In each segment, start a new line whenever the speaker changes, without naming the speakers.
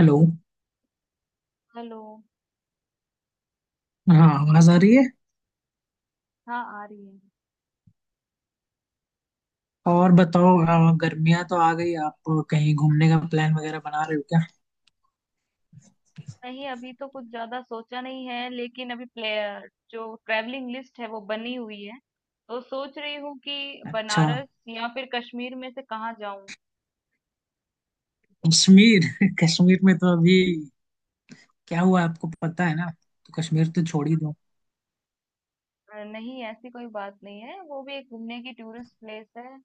Hello.
Hello.
हाँ, आवाज आ रही है।
हाँ, आ रही है।
और बताओ। गर्मियाँ तो आ गई। आप कहीं घूमने का प्लान वगैरह बना रहे हो क्या?
नहीं, अभी तो कुछ ज्यादा सोचा नहीं है, लेकिन अभी प्लेयर जो ट्रैवलिंग लिस्ट है वो बनी हुई है। तो सोच रही हूँ कि
अच्छा,
बनारस या फिर कश्मीर में से कहाँ जाऊं।
कश्मीर। कश्मीर में तो अभी क्या हुआ आपको पता है ना, तो कश्मीर तो छोड़ ही दो।
नहीं, ऐसी कोई बात नहीं है, वो भी एक घूमने की टूरिस्ट प्लेस है।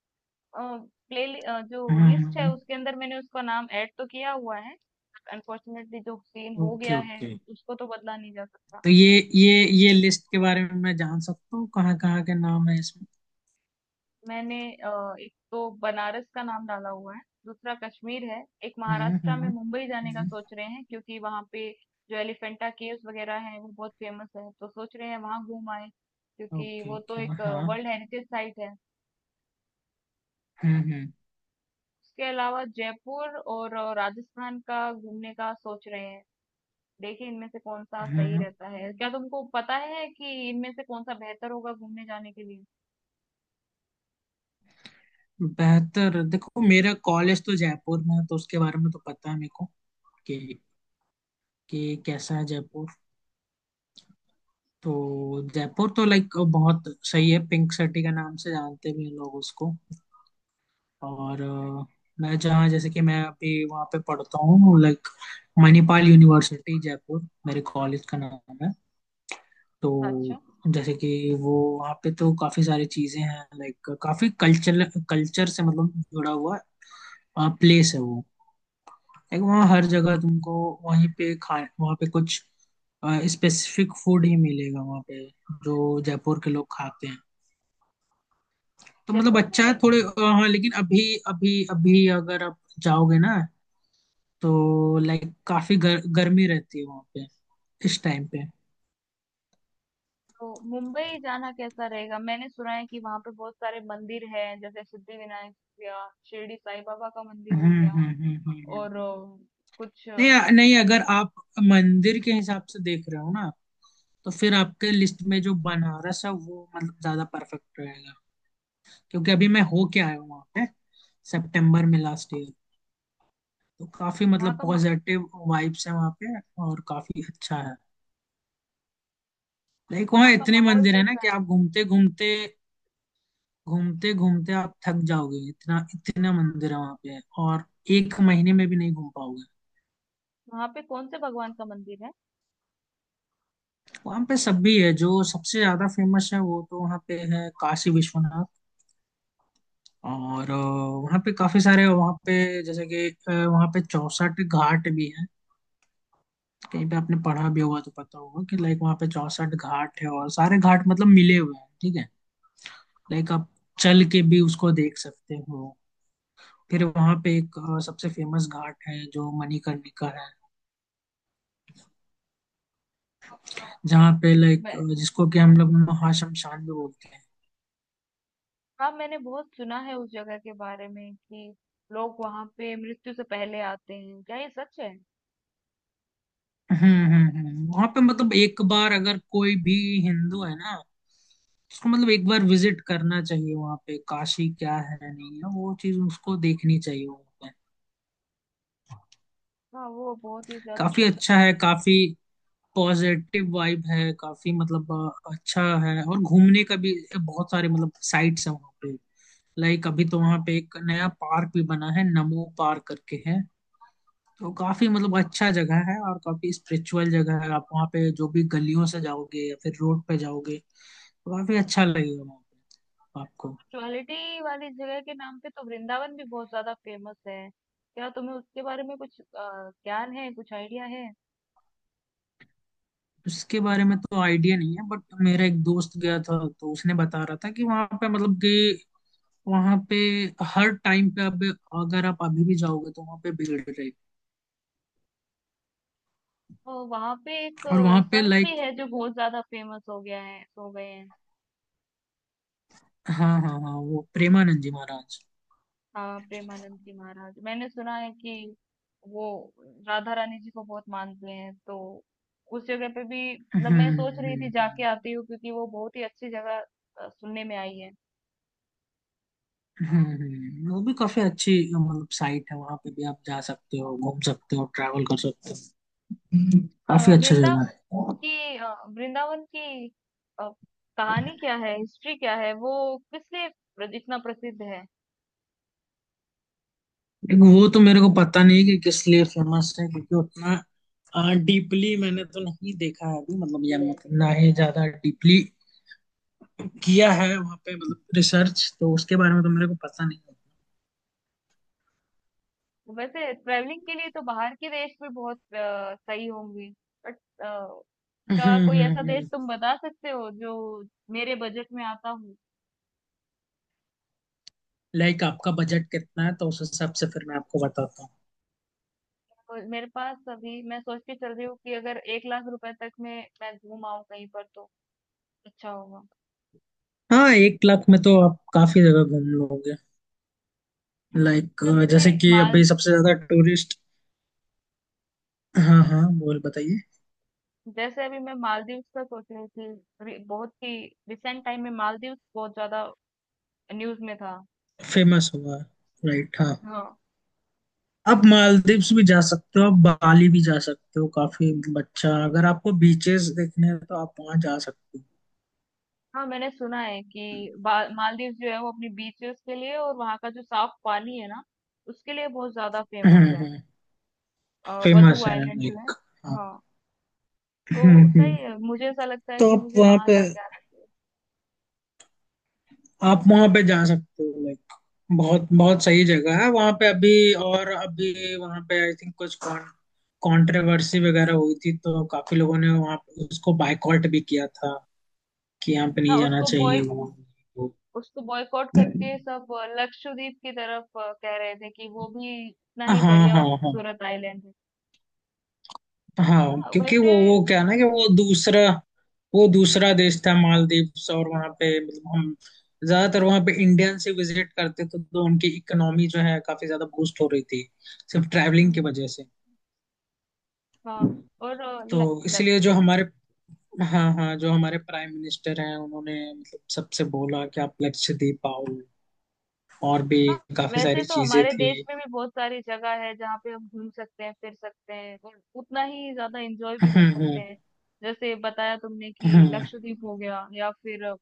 प्ले जो लिस्ट है
हम्म।
उसके अंदर मैंने उसका नाम ऐड तो किया हुआ है। अनफॉर्चुनेटली जो सीन हो
ओके,
गया है
ओके।
उसको तो बदला नहीं जा सकता।
तो ये लिस्ट के बारे में मैं जान सकता हूँ कहाँ कहाँ के नाम है इसमें?
मैंने एक तो बनारस का नाम डाला हुआ है। दूसरा कश्मीर है, एक
हम्म,
महाराष्ट्र में
हम्म,
मुंबई जाने का
हम्म।
सोच रहे हैं क्योंकि वहां पे जो एलिफेंटा केव्स वगैरह हैं वो बहुत फेमस है, तो सोच रहे हैं वहां घूम आए क्योंकि
ओके,
वो तो
ओके,
एक
हाँ।
वर्ल्ड हेरिटेज साइट है।
हम्म, हम्म,
उसके अलावा जयपुर और राजस्थान का घूमने का सोच रहे हैं। देखिए इनमें से कौन सा सही
हम्म।
रहता है, क्या तुमको पता है कि इनमें से कौन सा बेहतर होगा घूमने जाने के लिए?
बेहतर, देखो मेरा कॉलेज तो जयपुर में है तो उसके बारे में तो पता है मेरे को कि कि कैसा है जयपुर। तो जयपुर तो लाइक बहुत सही है, पिंक सिटी के नाम से जानते भी हैं लोग उसको। और मैं जहाँ, जैसे कि मैं अभी वहाँ पे पढ़ता हूँ, लाइक मणिपाल यूनिवर्सिटी जयपुर मेरे कॉलेज का नाम है। तो
अच्छा।
जैसे कि वो, वहाँ पे तो काफी सारी चीजें हैं लाइक काफी कल्चर, कल्चर से मतलब जुड़ा हुआ प्लेस है वो। एक वहाँ हर जगह तुमको, वहीं पे खाए वहाँ पे कुछ स्पेसिफिक फूड ही मिलेगा वहाँ पे जो जयपुर के लोग खाते हैं। तो मतलब
जयपुर
अच्छा है
में
थोड़े। हाँ, लेकिन अभी अभी अभी अगर आप जाओगे ना तो लाइक काफी गर्मी रहती है वहाँ पे इस टाइम पे।
तो मुंबई जाना कैसा रहेगा? मैंने सुना है कि वहां पे बहुत सारे मंदिर हैं, जैसे सिद्धिविनायक हो गया, शिरडी साई बाबा का मंदिर
हम्म,
हो गया,
हम्म, हम्म,
और अ, कुछ अ,
नहीं, अगर आप मंदिर के हिसाब से देख रहे हो ना तो फिर आपके लिस्ट में जो बनारस है वो मतलब ज्यादा परफेक्ट रहेगा। क्योंकि अभी मैं होके आया हूँ वहाँ पे, सितंबर में, लास्ट ईयर। तो काफी
वहाँ
मतलब
का मा-
पॉजिटिव वाइब्स है वहाँ पे और काफी अच्छा है। लाइक वहाँ
वहाँ का
इतने
माहौल
मंदिर है ना
कैसा
कि
है?
आप घूमते घूमते, घूमते घूमते आप थक जाओगे, इतना इतना मंदिर है वहाँ पे और एक महीने में भी नहीं घूम पाओगे।
वहाँ पे कौन से भगवान का मंदिर है?
वहाँ पे सब भी है, जो सबसे ज्यादा फेमस है वो तो वहाँ पे है काशी विश्वनाथ। और वहाँ पे काफी सारे, वहाँ पे जैसे कि वहाँ पे 64 घाट भी है। कहीं पे आपने पढ़ा भी होगा तो पता होगा कि लाइक वहाँ पे 64 घाट है और सारे घाट मतलब मिले हुए हैं, ठीक है। लाइक आप चल के भी उसको देख सकते हो। फिर वहाँ पे एक सबसे फेमस घाट है जो मणिकर्णिका है,
अच्छा।
जहाँ पे लाइक,
मैं
जिसको कि हम लोग महाशमशान भी बोलते हैं।
हाँ, मैंने बहुत सुना है उस जगह के बारे में कि लोग वहाँ पे मृत्यु से पहले आते हैं, क्या ये सच है?
हम्म, हम्म, हम्म। वहाँ पे मतलब एक बार अगर कोई भी हिंदू है ना, उसको मतलब एक बार विजिट करना चाहिए वहाँ पे, काशी क्या है नहीं है वो चीज उसको देखनी चाहिए वहाँ पे।
हाँ, वो बहुत ही ज्यादा
काफी
शुद्ध
अच्छा
है।
है, काफी पॉजिटिव वाइब है, काफी मतलब अच्छा है और घूमने का भी बहुत सारे मतलब साइट्स हैं वहाँ, लाइक अभी तो वहां पे एक नया पार्क भी बना है, नमो पार्क करके है। तो काफी मतलब अच्छा जगह है और काफी स्पिरिचुअल जगह है। आप वहाँ पे जो भी गलियों से जाओगे या फिर रोड पे जाओगे तो काफी अच्छा लगेगा वहाँ पे आपको।
क्वालिटी वाली जगह के नाम पे तो वृंदावन भी बहुत ज्यादा फेमस है, क्या तुम्हें उसके बारे में कुछ ज्ञान है, कुछ आइडिया है?
उसके बारे में तो आइडिया नहीं है, बट मेरा एक दोस्त गया था तो उसने बता रहा था कि वहाँ पे मतलब कि, वहाँ पे हर टाइम पे, अब अगर आप अभी भी जाओगे तो वहाँ पे भीड़ रहेगी।
तो वहां पे एक
और वहाँ पे
संत
लाइक,
भी है जो बहुत ज्यादा फेमस हो गया है, हो गए हैं।
हाँ, हाँ, हाँ, वो प्रेमानंद जी महाराज।
हाँ, प्रेमानंद जी महाराज। मैंने सुना है कि वो राधा रानी जी को बहुत मानते हैं, तो उस जगह पे भी
हम्म,
मतलब मैं
हम्म,
सोच रही थी जाके आती हूँ क्योंकि वो बहुत ही अच्छी जगह सुनने में आई है।
हम्म, वो भी काफी अच्छी मतलब साइट है, वहां पे भी आप जा सकते हो, घूम सकते हो, ट्रैवल कर सकते हो। हम्म।
अ,
काफी अच्छा जगह है।
वृंदावन की अ, वृंदावन की अ, कहानी क्या है, हिस्ट्री क्या है, वो किस लिए इतना प्रसिद्ध है?
एक वो तो मेरे को पता नहीं कि किस लिए फेमस है, क्योंकि उतना डीपली मैंने तो नहीं देखा है अभी मतलब, या मतलब ना ही ज्यादा डीपली किया है वहाँ पे मतलब रिसर्च, तो उसके बारे में तो मेरे को पता नहीं
वैसे ट्रैवलिंग के लिए तो बाहर के देश भी बहुत सही होंगी, बट
है।
का कोई ऐसा देश तुम बता सकते हो जो मेरे बजट में आता हो?
लाइक आपका बजट कितना है तो उस हिसाब से फिर मैं आपको बताता हूँ।
तो मेरे पास अभी मैं सोच के चल रही हूँ कि अगर 1 लाख रुपए तक में मैं घूम आऊं कहीं पर तो अच्छा होगा।
हाँ, 1 लाख में तो आप काफी जगह घूम लोगे, लाइक
तो
जैसे
तुम्हें
कि अभी
माल
सबसे ज्यादा टूरिस्ट, हाँ हाँ बोल, बताइए।
जैसे अभी मैं मालदीव्स का सोच रही थी, अभी बहुत ही रिसेंट टाइम में मालदीव्स बहुत ज्यादा न्यूज में था।
फेमस हुआ, राइट, हाँ।
हाँ।
आप मालदीव्स भी जा सकते हो, आप बाली भी जा सकते हो, काफी बच्चा अगर आपको बीचेस देखने हैं तो आप वहाँ जा सकते
हाँ, मैंने सुना है कि मालदीव्स जो है वो अपनी बीचेस के लिए और वहाँ का जो साफ पानी है ना, उसके लिए बहुत ज्यादा
हो।
फेमस है। वधु
फेमस है
आइलैंड जो है।
लाइक, हाँ।
हाँ। तो
हम्म, हम्म।
सही है, मुझे ऐसा लगता है
तो
कि
आप
मुझे
वहाँ
वहां
पे,
जाके आना चाहिए।
आप वहां पे जा सकते हो, लाइक बहुत बहुत सही जगह है वहां पे अभी। और अभी वहां पे आई थिंक कुछ कॉन कंट्रोवर्सी वगैरह हुई थी तो काफी लोगों ने वहां उसको बायकॉट भी किया था कि यहाँ पे नहीं
हाँ,
जाना चाहिए वहां।
उसको बॉयकॉट करके सब लक्षद्वीप की तरफ कह रहे थे कि वो भी इतना
हाँ,
ही बढ़िया
हाँ,
और
हाँ।
खूबसूरत आइलैंड है।
हाँ,
हाँ,
क्योंकि
वैसे।
वो क्या है ना कि वो दूसरा देश था मालदीव्स और वहाँ पे मतलब हम ज्यादातर वहाँ पे इंडियन से विजिट करते थे तो उनकी इकोनॉमी जो है काफी ज्यादा बूस्ट हो रही थी सिर्फ ट्रैवलिंग की
हुँ।
वजह से।
हाँ। और
तो
ल ल
इसलिए जो हमारे, हाँ हाँ, जो हमारे प्राइम मिनिस्टर हैं उन्होंने मतलब सबसे बोला कि आप लक्ष्य दे पाओ, और भी
हाँ,
काफी
वैसे
सारी
तो
चीजें
हमारे
थी।
देश में भी बहुत सारी जगह है जहाँ पे हम घूम सकते हैं, फिर सकते हैं और उतना ही ज़्यादा एन्जॉय भी कर
हम्म,
सकते
हम्म,
हैं। जैसे बताया तुमने कि
हम्म।
लक्षद्वीप हो गया, या फिर अ,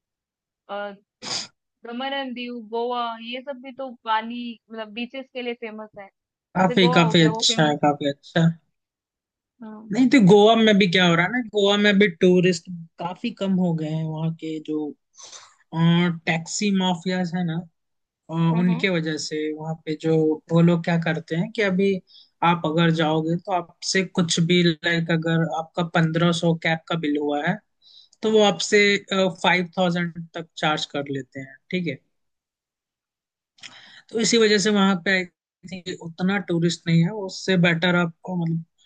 दमन एंड दीव, गोवा ये सब भी तो पानी मतलब बीचेस के लिए फेमस है। जैसे
काफी,
गोवा हो
काफी
गया, वो
अच्छा
फेमस।
है, काफी अच्छा।
हाँ।
नहीं तो गोवा में भी क्या हो रहा है ना, गोवा में भी टूरिस्ट काफी कम हो गए हैं, वहाँ के जो टैक्सी माफियाज है ना,
हम्म।
उनके वजह से वहाँ पे जो, वो लोग क्या करते हैं कि अभी आप अगर जाओगे तो आपसे कुछ भी, लाइक अगर आपका 1,500 कैब का बिल हुआ है तो वो आपसे 5,000 तक चार्ज कर लेते हैं, ठीक है। तो इसी वजह से वहाँ पे आई थिंक उतना टूरिस्ट नहीं है। उससे बेटर आपको मतलब,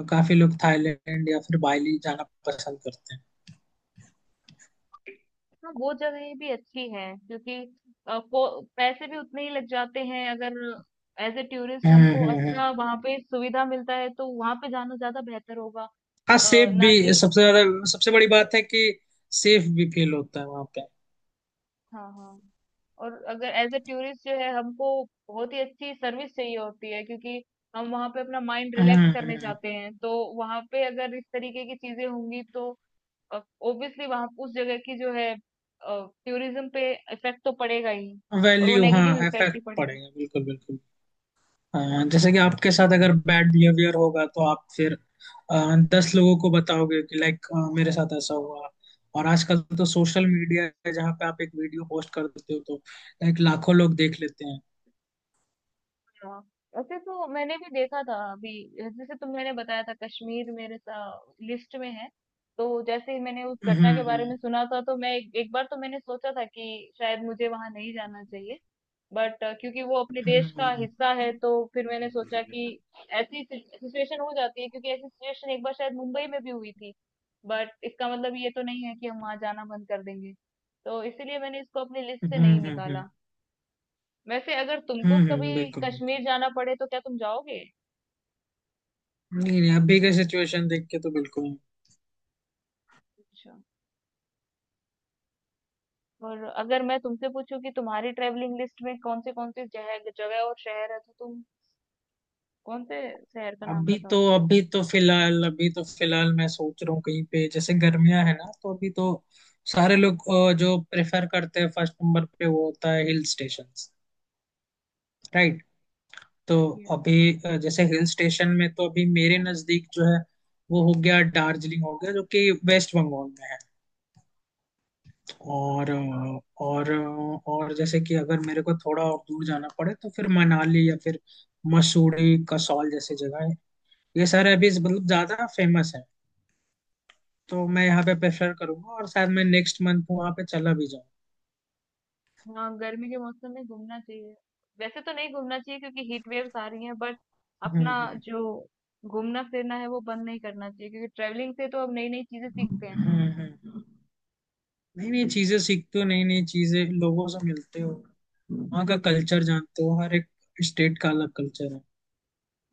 काफी लोग थाईलैंड या फिर बाली जाना पसंद करते हैं।
हाँ, वो जगह भी अच्छी है क्योंकि को पैसे भी उतने ही लग जाते हैं, अगर एज ए टूरिस्ट
हम्म,
हमको
हम्म,
अच्छा वहाँ पे सुविधा मिलता है तो वहाँ पे जाना ज्यादा बेहतर होगा।
हाँ सेफ भी
ना कि।
सबसे ज्यादा, सबसे बड़ी बात है कि सेफ भी फील होता है वहाँ पे।
हाँ, हाँ। और अगर एज ए टूरिस्ट जो है हमको बहुत ही अच्छी सर्विस चाहिए होती है क्योंकि हम वहाँ पे अपना माइंड रिलैक्स
हम्म,
करने जाते हैं, तो वहाँ पे अगर इस तरीके की चीजें होंगी तो ऑब्वियसली वहाँ उस जगह की जो है टूरिज्म पे इफेक्ट तो पड़ेगा ही। और वो
वैल्यू,
नेगेटिव
हाँ,
इफेक्ट ही
इफेक्ट
पड़ेगा।
पड़ेगा, बिल्कुल बिल्कुल। हाँ, जैसे कि आपके साथ अगर बैड बिहेवियर होगा तो आप फिर 10 लोगों को बताओगे कि लाइक मेरे साथ ऐसा हुआ। और आजकल तो सोशल मीडिया है जहाँ पे आप एक वीडियो पोस्ट कर देते हो तो लाइक लाखों लोग देख लेते हैं।
हाँ, वैसे तो मैंने भी देखा था। अभी जैसे तुम मैंने बताया था कश्मीर मेरे लिस्ट में है, तो जैसे ही मैंने उस
हम्म,
घटना के बारे
हम्म,
में सुना था तो मैं एक बार तो मैंने सोचा था कि शायद मुझे वहां नहीं जाना चाहिए, बट क्योंकि वो अपने
हम्म,
देश का
हम्म,
हिस्सा है तो फिर मैंने सोचा कि ऐसी सिचुएशन हो जाती है, क्योंकि ऐसी सिचुएशन एक बार शायद मुंबई में भी हुई थी, बट इसका मतलब ये तो नहीं है कि हम वहां जाना बंद कर देंगे, तो इसीलिए मैंने इसको अपनी लिस्ट
हम्म,
से नहीं
हम्म,
निकाला। वैसे अगर तुमको कभी
बिल्कुल बिल्कुल।
कश्मीर जाना पड़े तो क्या तुम जाओगे?
नहीं नहीं, अभी का सिचुएशन देख के तो बिल्कुल।
अच्छा। और अगर मैं तुमसे पूछूं कि तुम्हारी ट्रेवलिंग लिस्ट में कौन से जगह जगह और शहर है तो तुम कौन से शहर का नाम बताओगे?
अभी तो फिलहाल मैं सोच रहा हूँ कहीं पे, जैसे गर्मियां है ना, तो अभी तो सारे लोग जो प्रेफर करते हैं फर्स्ट नंबर पे वो होता है हिल स्टेशन, राइट। तो
ये
अभी जैसे हिल स्टेशन में तो अभी मेरे नजदीक जो है, वो हो गया दार्जिलिंग, हो गया जो कि वेस्ट बंगाल में है। और और जैसे कि अगर मेरे को थोड़ा और दूर जाना पड़े तो फिर मनाली या फिर मसूरी, कसौल जैसी जगह है, ये सारे अभी मतलब ज्यादा फेमस है, तो मैं यहाँ पे प्रेफर करूंगा और शायद मैं नेक्स्ट मंथ वहां पे चला भी जाऊँ।
हाँ, गर्मी के मौसम में घूमना चाहिए। वैसे तो नहीं घूमना चाहिए क्योंकि हीट वेव्स आ रही हैं, बट अपना
हम्म,
जो घूमना फिरना है वो बंद नहीं करना चाहिए क्योंकि ट्रेवलिंग से तो हम नई नई चीजें सीखते हैं।
हम्म, हम्म, नई नई चीजें सीखते हो, नई नई चीजें लोगों से मिलते हो, वहाँ का कल्चर जानते हो, हर एक स्टेट का अलग कल्चर है।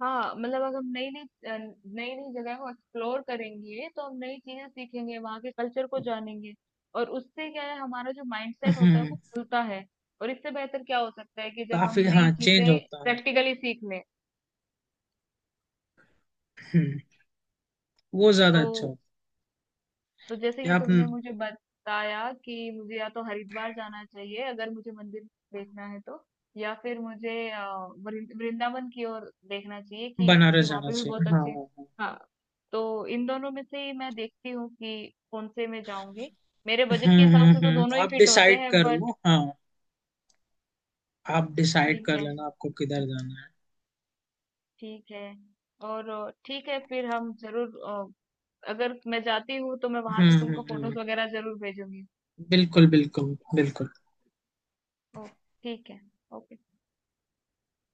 हाँ, मतलब अगर हम नई नई जगह को एक्सप्लोर करेंगे तो हम नई चीजें सीखेंगे, वहाँ के कल्चर को जानेंगे। और उससे क्या है, हमारा जो माइंडसेट होता है वो
हम्म।
खुलता है। और इससे बेहतर क्या हो सकता है कि जब हम
काफी,
नई
हाँ, चेंज
चीजें
होता है।
प्रैक्टिकली सीख लें।
हम्म। वो ज्यादा
तो
अच्छा होता
तो
है
जैसे
कि
कि
आप
तुमने मुझे बताया कि मुझे या तो हरिद्वार जाना चाहिए अगर मुझे मंदिर देखना है, तो या फिर मुझे वृंदावन की ओर देखना चाहिए, कि क्योंकि
बनारस
वहां
जाना
पे भी
चाहिए,
बहुत
हाँ,
अच्छे।
हाँ, हाँ।
हाँ। तो इन दोनों में से ही मैं देखती हूँ कि कौन से मैं जाऊंगी, मेरे बजट के
हम्म,
हिसाब
हम्म,
से तो दोनों
हम्म,
ही
आप
फिट होते
डिसाइड
हैं,
कर
बट
लो, हाँ, आप डिसाइड
ठीक
कर
है।
लेना आपको किधर जाना है।
ठीक है। और ठीक है, फिर हम जरूर अगर मैं जाती हूँ तो मैं वहां
हम्म,
से तुमको
हम्म,
फोटोज
हम्म,
वगैरह जरूर भेजूंगी।
बिल्कुल बिल्कुल बिल्कुल।
ओ। ठीक है। ओके।